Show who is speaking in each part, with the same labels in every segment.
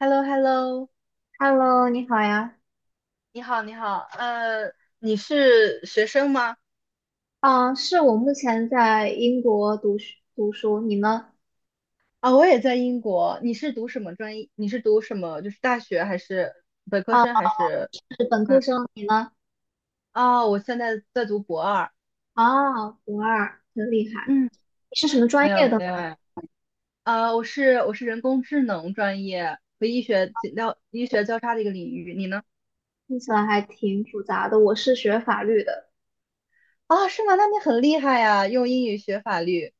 Speaker 1: h e l l o h e l l o
Speaker 2: Hello，你好呀。
Speaker 1: 你好，你好，你是学生吗？
Speaker 2: 嗯，是我目前在英国读书，你呢？
Speaker 1: 啊，我也在英国。你是读什么专业？你是读什么？就是大学还是本科生还是
Speaker 2: 是本科
Speaker 1: 嗯？
Speaker 2: 生，你呢？
Speaker 1: 哦，我现在在读博二。
Speaker 2: 啊，博二，很厉害。
Speaker 1: 嗯，
Speaker 2: 你是什么专
Speaker 1: 没有，
Speaker 2: 业的呢？
Speaker 1: 没有哎。啊，我是人工智能专业和医学交叉的一个领域。你呢？
Speaker 2: 听起来还挺复杂的。我是学法律的，
Speaker 1: 啊，是吗？那你很厉害呀，用英语学法律。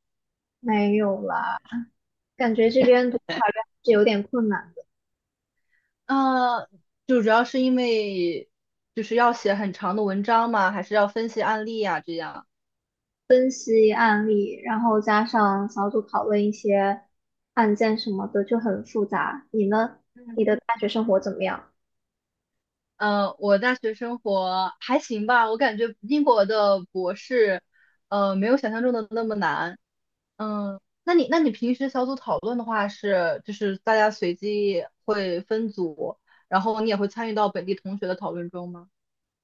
Speaker 2: 没有啦，感觉这边读法律还是有点困难的，
Speaker 1: 啊，就主要是因为就是要写很长的文章吗？还是要分析案例呀？这样。
Speaker 2: 分析案例，然后加上小组讨论一些案件什么的，就很复杂。你呢？你的大学生活怎么样？
Speaker 1: 嗯，我大学生活还行吧，我感觉英国的博士，没有想象中的那么难。嗯，那你平时小组讨论的话是，就是大家随机会分组，然后你也会参与到本地同学的讨论中吗？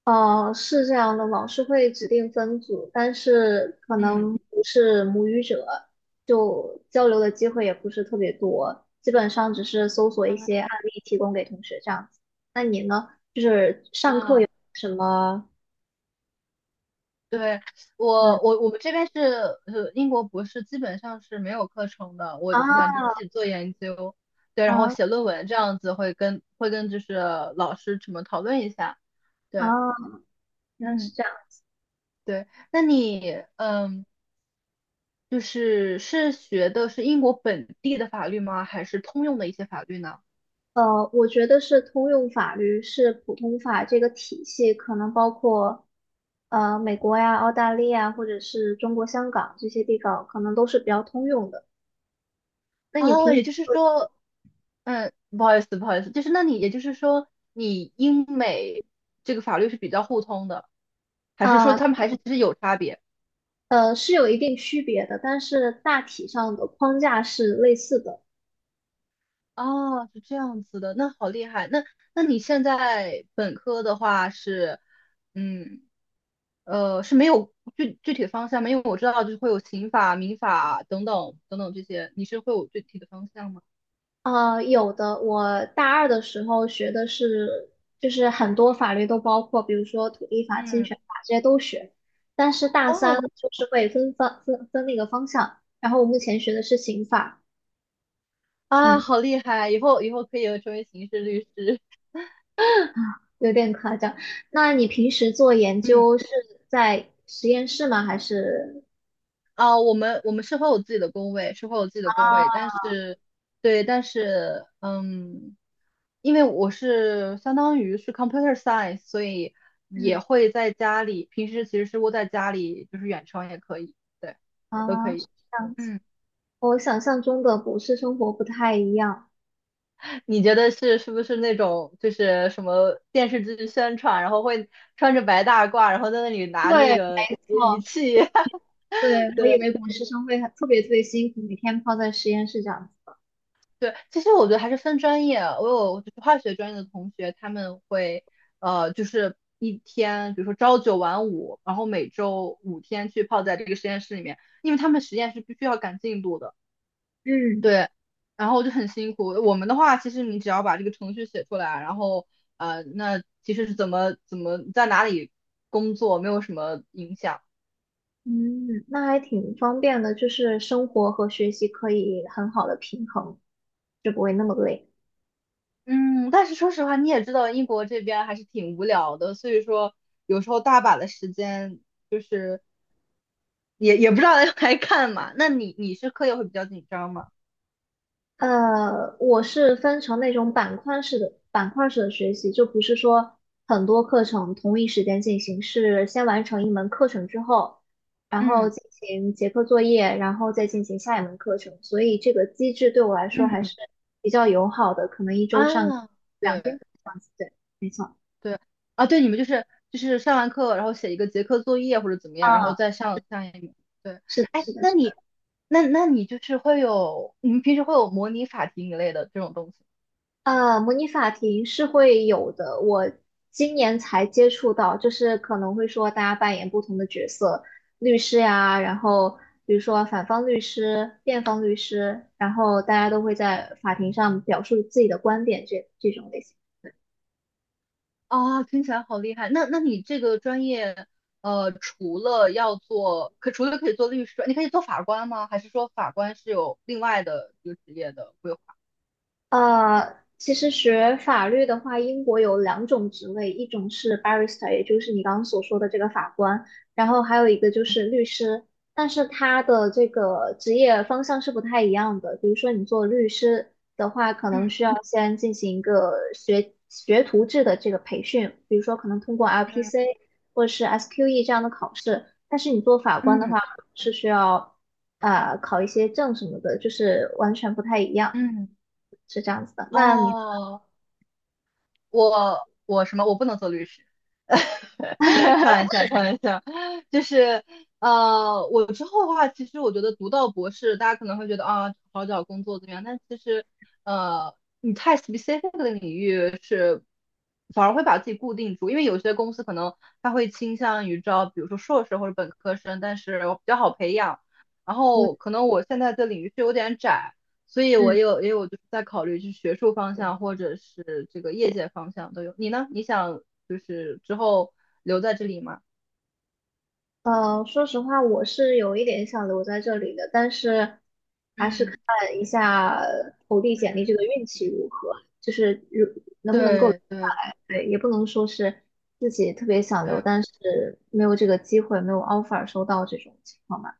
Speaker 2: 哦，是这样的，老师会指定分组，但是可
Speaker 1: 嗯。
Speaker 2: 能不是母语者，就交流的机会也不是特别多，基本上只是搜索一些案例提供给同学这样子。那你呢？就是上课
Speaker 1: 啊，
Speaker 2: 有什么？
Speaker 1: 对，
Speaker 2: 嗯，
Speaker 1: 我们这边是英国博士基本上是没有课程的，我基本上就
Speaker 2: 啊
Speaker 1: 自己做研究，对，然后
Speaker 2: 啊
Speaker 1: 写论文这样子会跟就是老师什么讨论一下，对，
Speaker 2: 啊，原来是
Speaker 1: 嗯
Speaker 2: 这样。
Speaker 1: 对，那你就是学的是英国本地的法律吗？还是通用的一些法律呢？
Speaker 2: 我觉得是通用法律，是普通法这个体系，可能包括美国呀、澳大利亚或者是中国香港这些地方，可能都是比较通用的。那你
Speaker 1: 哦，
Speaker 2: 平
Speaker 1: 也就是说不好意思，不好意思，就是那你也就是说，你英美这个法律是比较互通的，还是说
Speaker 2: 啊
Speaker 1: 他们还是其实有差别？
Speaker 2: 呃，是有一定区别的，但是大体上的框架是类似的。
Speaker 1: 哦，是这样子的，那好厉害。那那你现在本科的话是，嗯，是没有具体的方向吗？因为我知道就是会有刑法、民法等等等等这些，你是会有具体的方向吗？
Speaker 2: 有的我大二的时候学的是，就是很多法律都包括，比如说土地法、侵
Speaker 1: 嗯，
Speaker 2: 权法这些都学，但是大三
Speaker 1: 哦，
Speaker 2: 就是会分那个方向。然后我目前学的是刑法，
Speaker 1: 啊，
Speaker 2: 嗯，
Speaker 1: 好厉害，以后以后可以成为刑事律师。
Speaker 2: 有点夸张。那你平时做研
Speaker 1: 嗯。
Speaker 2: 究是在实验室吗？还是
Speaker 1: 啊、我们是会有自己的工位，是会有自己的工位，但是，对，但是，因为我是相当于是 computer science，所以也
Speaker 2: 嗯
Speaker 1: 会在家里，平时其实是窝在家里，就是远程也可以，对，都可
Speaker 2: 啊？是
Speaker 1: 以。
Speaker 2: 这样。是
Speaker 1: 嗯，
Speaker 2: 和我想象中的博士生活不太一样。
Speaker 1: 你觉得是不是那种就是什么电视剧宣传，然后会穿着白大褂，然后在那里拿
Speaker 2: 对，
Speaker 1: 那个
Speaker 2: 没
Speaker 1: 仪
Speaker 2: 错，
Speaker 1: 器？
Speaker 2: 对，我以为博士生会很特别特别辛苦，每天泡在实验室这样子。
Speaker 1: 对，其实我觉得还是分专业啊。我有就是化学专业的同学，他们会就是一天，比如说朝九晚五，然后每周5天去泡在这个实验室里面，因为他们实验是必须要赶进度的。
Speaker 2: 嗯，
Speaker 1: 对，然后就很辛苦。我们的话，其实你只要把这个程序写出来，然后那其实是怎么在哪里工作没有什么影响。
Speaker 2: 嗯，那还挺方便的，就是生活和学习可以很好的平衡，就不会那么累。
Speaker 1: 嗯，但是说实话，你也知道英国这边还是挺无聊的，所以说有时候大把的时间。就是。也不知道来干嘛。那你是课业会比较紧张吗？
Speaker 2: 我是分成那种板块式的学习，就不是说很多课程同一时间进行，是先完成一门课程之后，然后
Speaker 1: 嗯
Speaker 2: 进行结课作业，然后再进行下一门课程。所以这个机制对我来说还
Speaker 1: 嗯
Speaker 2: 是比较友好的，可能一周上
Speaker 1: 啊，
Speaker 2: 两
Speaker 1: 对
Speaker 2: 天课这样子。对，
Speaker 1: 对啊，对，你们就是上完课，然后写一个结课作业或者怎么样，然后
Speaker 2: 啊，
Speaker 1: 再上一门。对，
Speaker 2: 是的，
Speaker 1: 哎，
Speaker 2: 是
Speaker 1: 那你
Speaker 2: 的。
Speaker 1: 那你就是会有你们平时会有模拟法庭一类的这种东西
Speaker 2: 模拟法庭是会有的，我今年才接触到，就是可能会说大家扮演不同的角色，律师呀，然后比如说反方律师、辩方律师，然后大家都会在法庭上表述自己的观点这种类型。
Speaker 1: 啊，听起来好厉害。那那你这个专业，除了要做，可除了可以做律师，你可以做法官吗？还是说法官是有另外的一个职业的规划？
Speaker 2: 其实学法律的话，英国有两种职位，一种是 barrister，也就是你刚刚所说的这个法官，然后还有一个就是律师，但是他的这个职业方向是不太一样的。比如说你做律师的话，可能
Speaker 1: 嗯
Speaker 2: 需要先进行一个学徒制的这个培训，比如说可能通过
Speaker 1: 嗯
Speaker 2: LPC 或者是 SQE 这样的考试，但是你做法官的
Speaker 1: 嗯，
Speaker 2: 话是需要啊考一些证什么的，就是完全不太一样。
Speaker 1: 嗯，
Speaker 2: 是这样子的。那你
Speaker 1: 哦，我什么？我不能做律师，开玩笑，开玩笑，就是我之后的话，其实我觉得读到博士，大家可能会觉得啊，好找工作怎么样？但其实呃，你太 specific 的领域是反而会把自己固定住，因为有些公司可能他会倾向于招，比如说硕士或者本科生，但是我比较好培养。然后
Speaker 2: 就
Speaker 1: 可能我现在的领域是有点窄，所以我
Speaker 2: 嗯
Speaker 1: 也有就是在考虑去学术方向或者是这个业界方向都有。你呢？你想就是之后留在这里吗？
Speaker 2: 呃，说实话，我是有一点想留在这里的，但是还是看
Speaker 1: 嗯
Speaker 2: 一下投递简历这个
Speaker 1: 嗯，
Speaker 2: 运气如何，就是能不能够留
Speaker 1: 对
Speaker 2: 下
Speaker 1: 对
Speaker 2: 来。对，也不能说是自己特别想留，
Speaker 1: 对
Speaker 2: 但是没有这个机会，没有 offer 收到这种情况吧。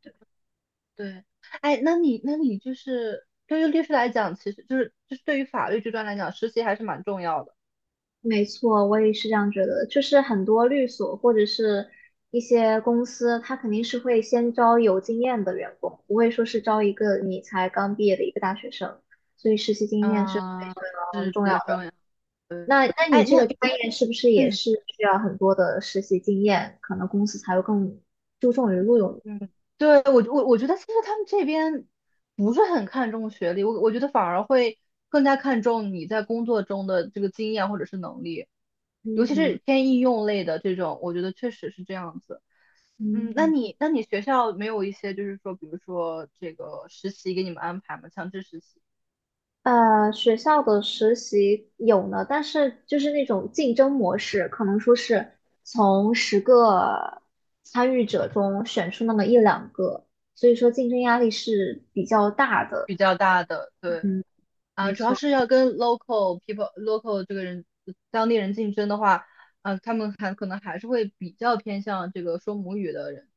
Speaker 1: 对，哎，那你那你就是对于律师来讲，其实就是对于法律这段来讲，实习还是蛮重要的。
Speaker 2: 没错，我也是这样觉得。就是很多律所或者是一些公司，它肯定是会先招有经验的员工，不会说是招一个你才刚毕业的一个大学生。所以实习经验是非
Speaker 1: 嗯，
Speaker 2: 常
Speaker 1: 是比
Speaker 2: 重要
Speaker 1: 较
Speaker 2: 的。
Speaker 1: 重要。对，
Speaker 2: 那你
Speaker 1: 哎，
Speaker 2: 这个
Speaker 1: 那
Speaker 2: 专业是不是也
Speaker 1: 嗯
Speaker 2: 是需要很多的实习经验？可能公司才会更注重于录用你。
Speaker 1: 嗯，对我觉得其实他们这边不是很看重学历，我觉得反而会更加看重你在工作中的这个经验或者是能力，尤其
Speaker 2: 嗯
Speaker 1: 是偏应用类的这种，我觉得确实是这样子。嗯，那
Speaker 2: 嗯，
Speaker 1: 你那你学校没有一些就是说，比如说这个实习给你们安排吗？强制实习
Speaker 2: 学校的实习有呢，但是就是那种竞争模式，可能说是从10个参与者中选出那么一两个，所以说竞争压力是比较大的。
Speaker 1: 比较大的，对。
Speaker 2: 嗯，
Speaker 1: 啊，
Speaker 2: 没
Speaker 1: 主要
Speaker 2: 错，
Speaker 1: 是要跟 local people、local 这个人当地人竞争的话，啊，他们还可能还是会比较偏向这个说母语的人。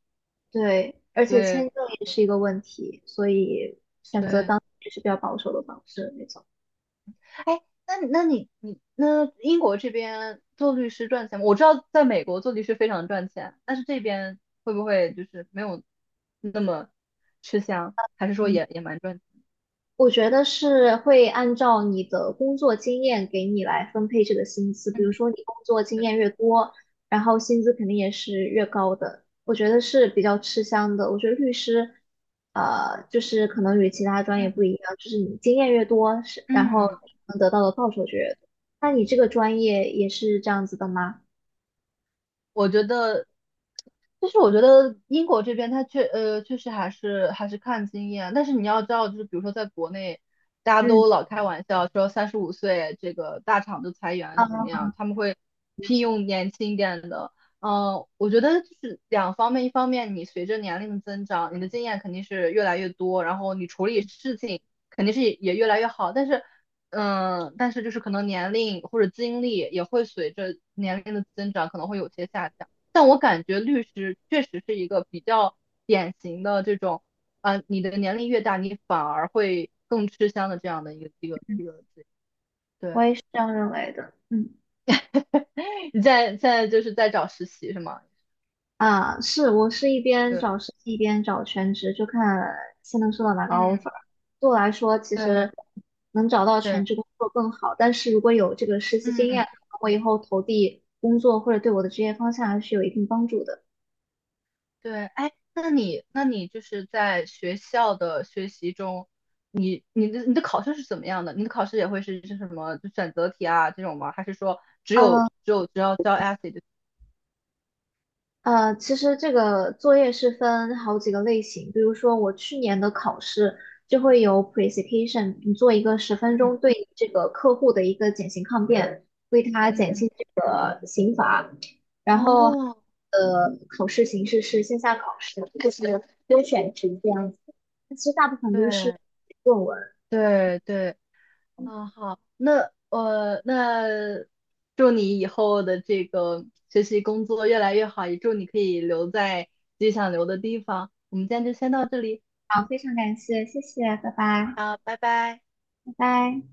Speaker 2: 对，而且签
Speaker 1: 对
Speaker 2: 证也是一个问题，所以选择
Speaker 1: 对，
Speaker 2: 当也是比较保守的方式，没错。
Speaker 1: 哎，那那你那英国这边做律师赚钱吗？我知道在美国做律师非常赚钱，但是这边会不会就是没有那么吃香，还是说也
Speaker 2: 嗯，
Speaker 1: 也蛮赚钱？
Speaker 2: 我觉得是会按照你的工作经验给你来分配这个薪资，比如
Speaker 1: 嗯，
Speaker 2: 说你工作经
Speaker 1: 对，
Speaker 2: 验越多，然后薪资肯定也是越高的。我觉得是比较吃香的。我觉得律师，就是可能与其他专业不
Speaker 1: 嗯
Speaker 2: 一样，就是你经验越多，是然后你
Speaker 1: 嗯。
Speaker 2: 能得到的报酬就越多。那你这个专业也是这样子的吗？
Speaker 1: 我觉得，就是我觉得英国这边它确实还是看经验啊，但是你要知道，就是比如说在国内，大家
Speaker 2: 嗯，
Speaker 1: 都老开玩笑说35岁这个大厂就裁
Speaker 2: 啊，
Speaker 1: 员怎么样，他们会聘用年轻一点的。我觉得就是两方面，一方面你随着年龄的增长，你的经验肯定是越来越多，然后你处理事情肯定是也越来越好，但是。嗯，但是就是可能年龄或者经历也会随着年龄的增长可能会有些下降。但我感觉律师确实是一个比较典型的这种，啊、你的年龄越大，你反而会更吃香的这样的一个职业。
Speaker 2: 我
Speaker 1: 对，
Speaker 2: 也是这样认为的。嗯。
Speaker 1: 你在现在就是在找实习是吗？
Speaker 2: 啊，是，我是一边
Speaker 1: 对，
Speaker 2: 找实习一边找全职，就看先能收到哪个
Speaker 1: 嗯，
Speaker 2: offer。对我来说，其
Speaker 1: 对
Speaker 2: 实能找到全
Speaker 1: 对，
Speaker 2: 职工作更好，但是如果有这个实习经
Speaker 1: 嗯。
Speaker 2: 验，我以后投递工作或者对我的职业方向还是有一定帮助的。
Speaker 1: 对，哎，那你那你就是在学校的学习中，你的考试是怎么样的？你的考试也会是什么就选择题啊这种吗？还是说
Speaker 2: 呃，
Speaker 1: 只要交 essay 就？
Speaker 2: 其实这个作业是分好几个类型，比如说我去年的考试就会有 presentation，你做一个十分
Speaker 1: 嗯
Speaker 2: 钟对这个客户的一个减刑抗辩，为他减轻
Speaker 1: 嗯，
Speaker 2: 这个刑罚。然后，
Speaker 1: 哦，
Speaker 2: 考试形式是线下考试，就是优选题这样子。但其实大部分都是
Speaker 1: 对
Speaker 2: 论文。
Speaker 1: 对对，啊好，那那祝你以后的这个学习工作越来越好，也祝你可以留在自己想留的地方。我们今天就先到这里，
Speaker 2: 好，非常感谢，谢谢，拜拜，
Speaker 1: 好，拜拜。
Speaker 2: 拜拜。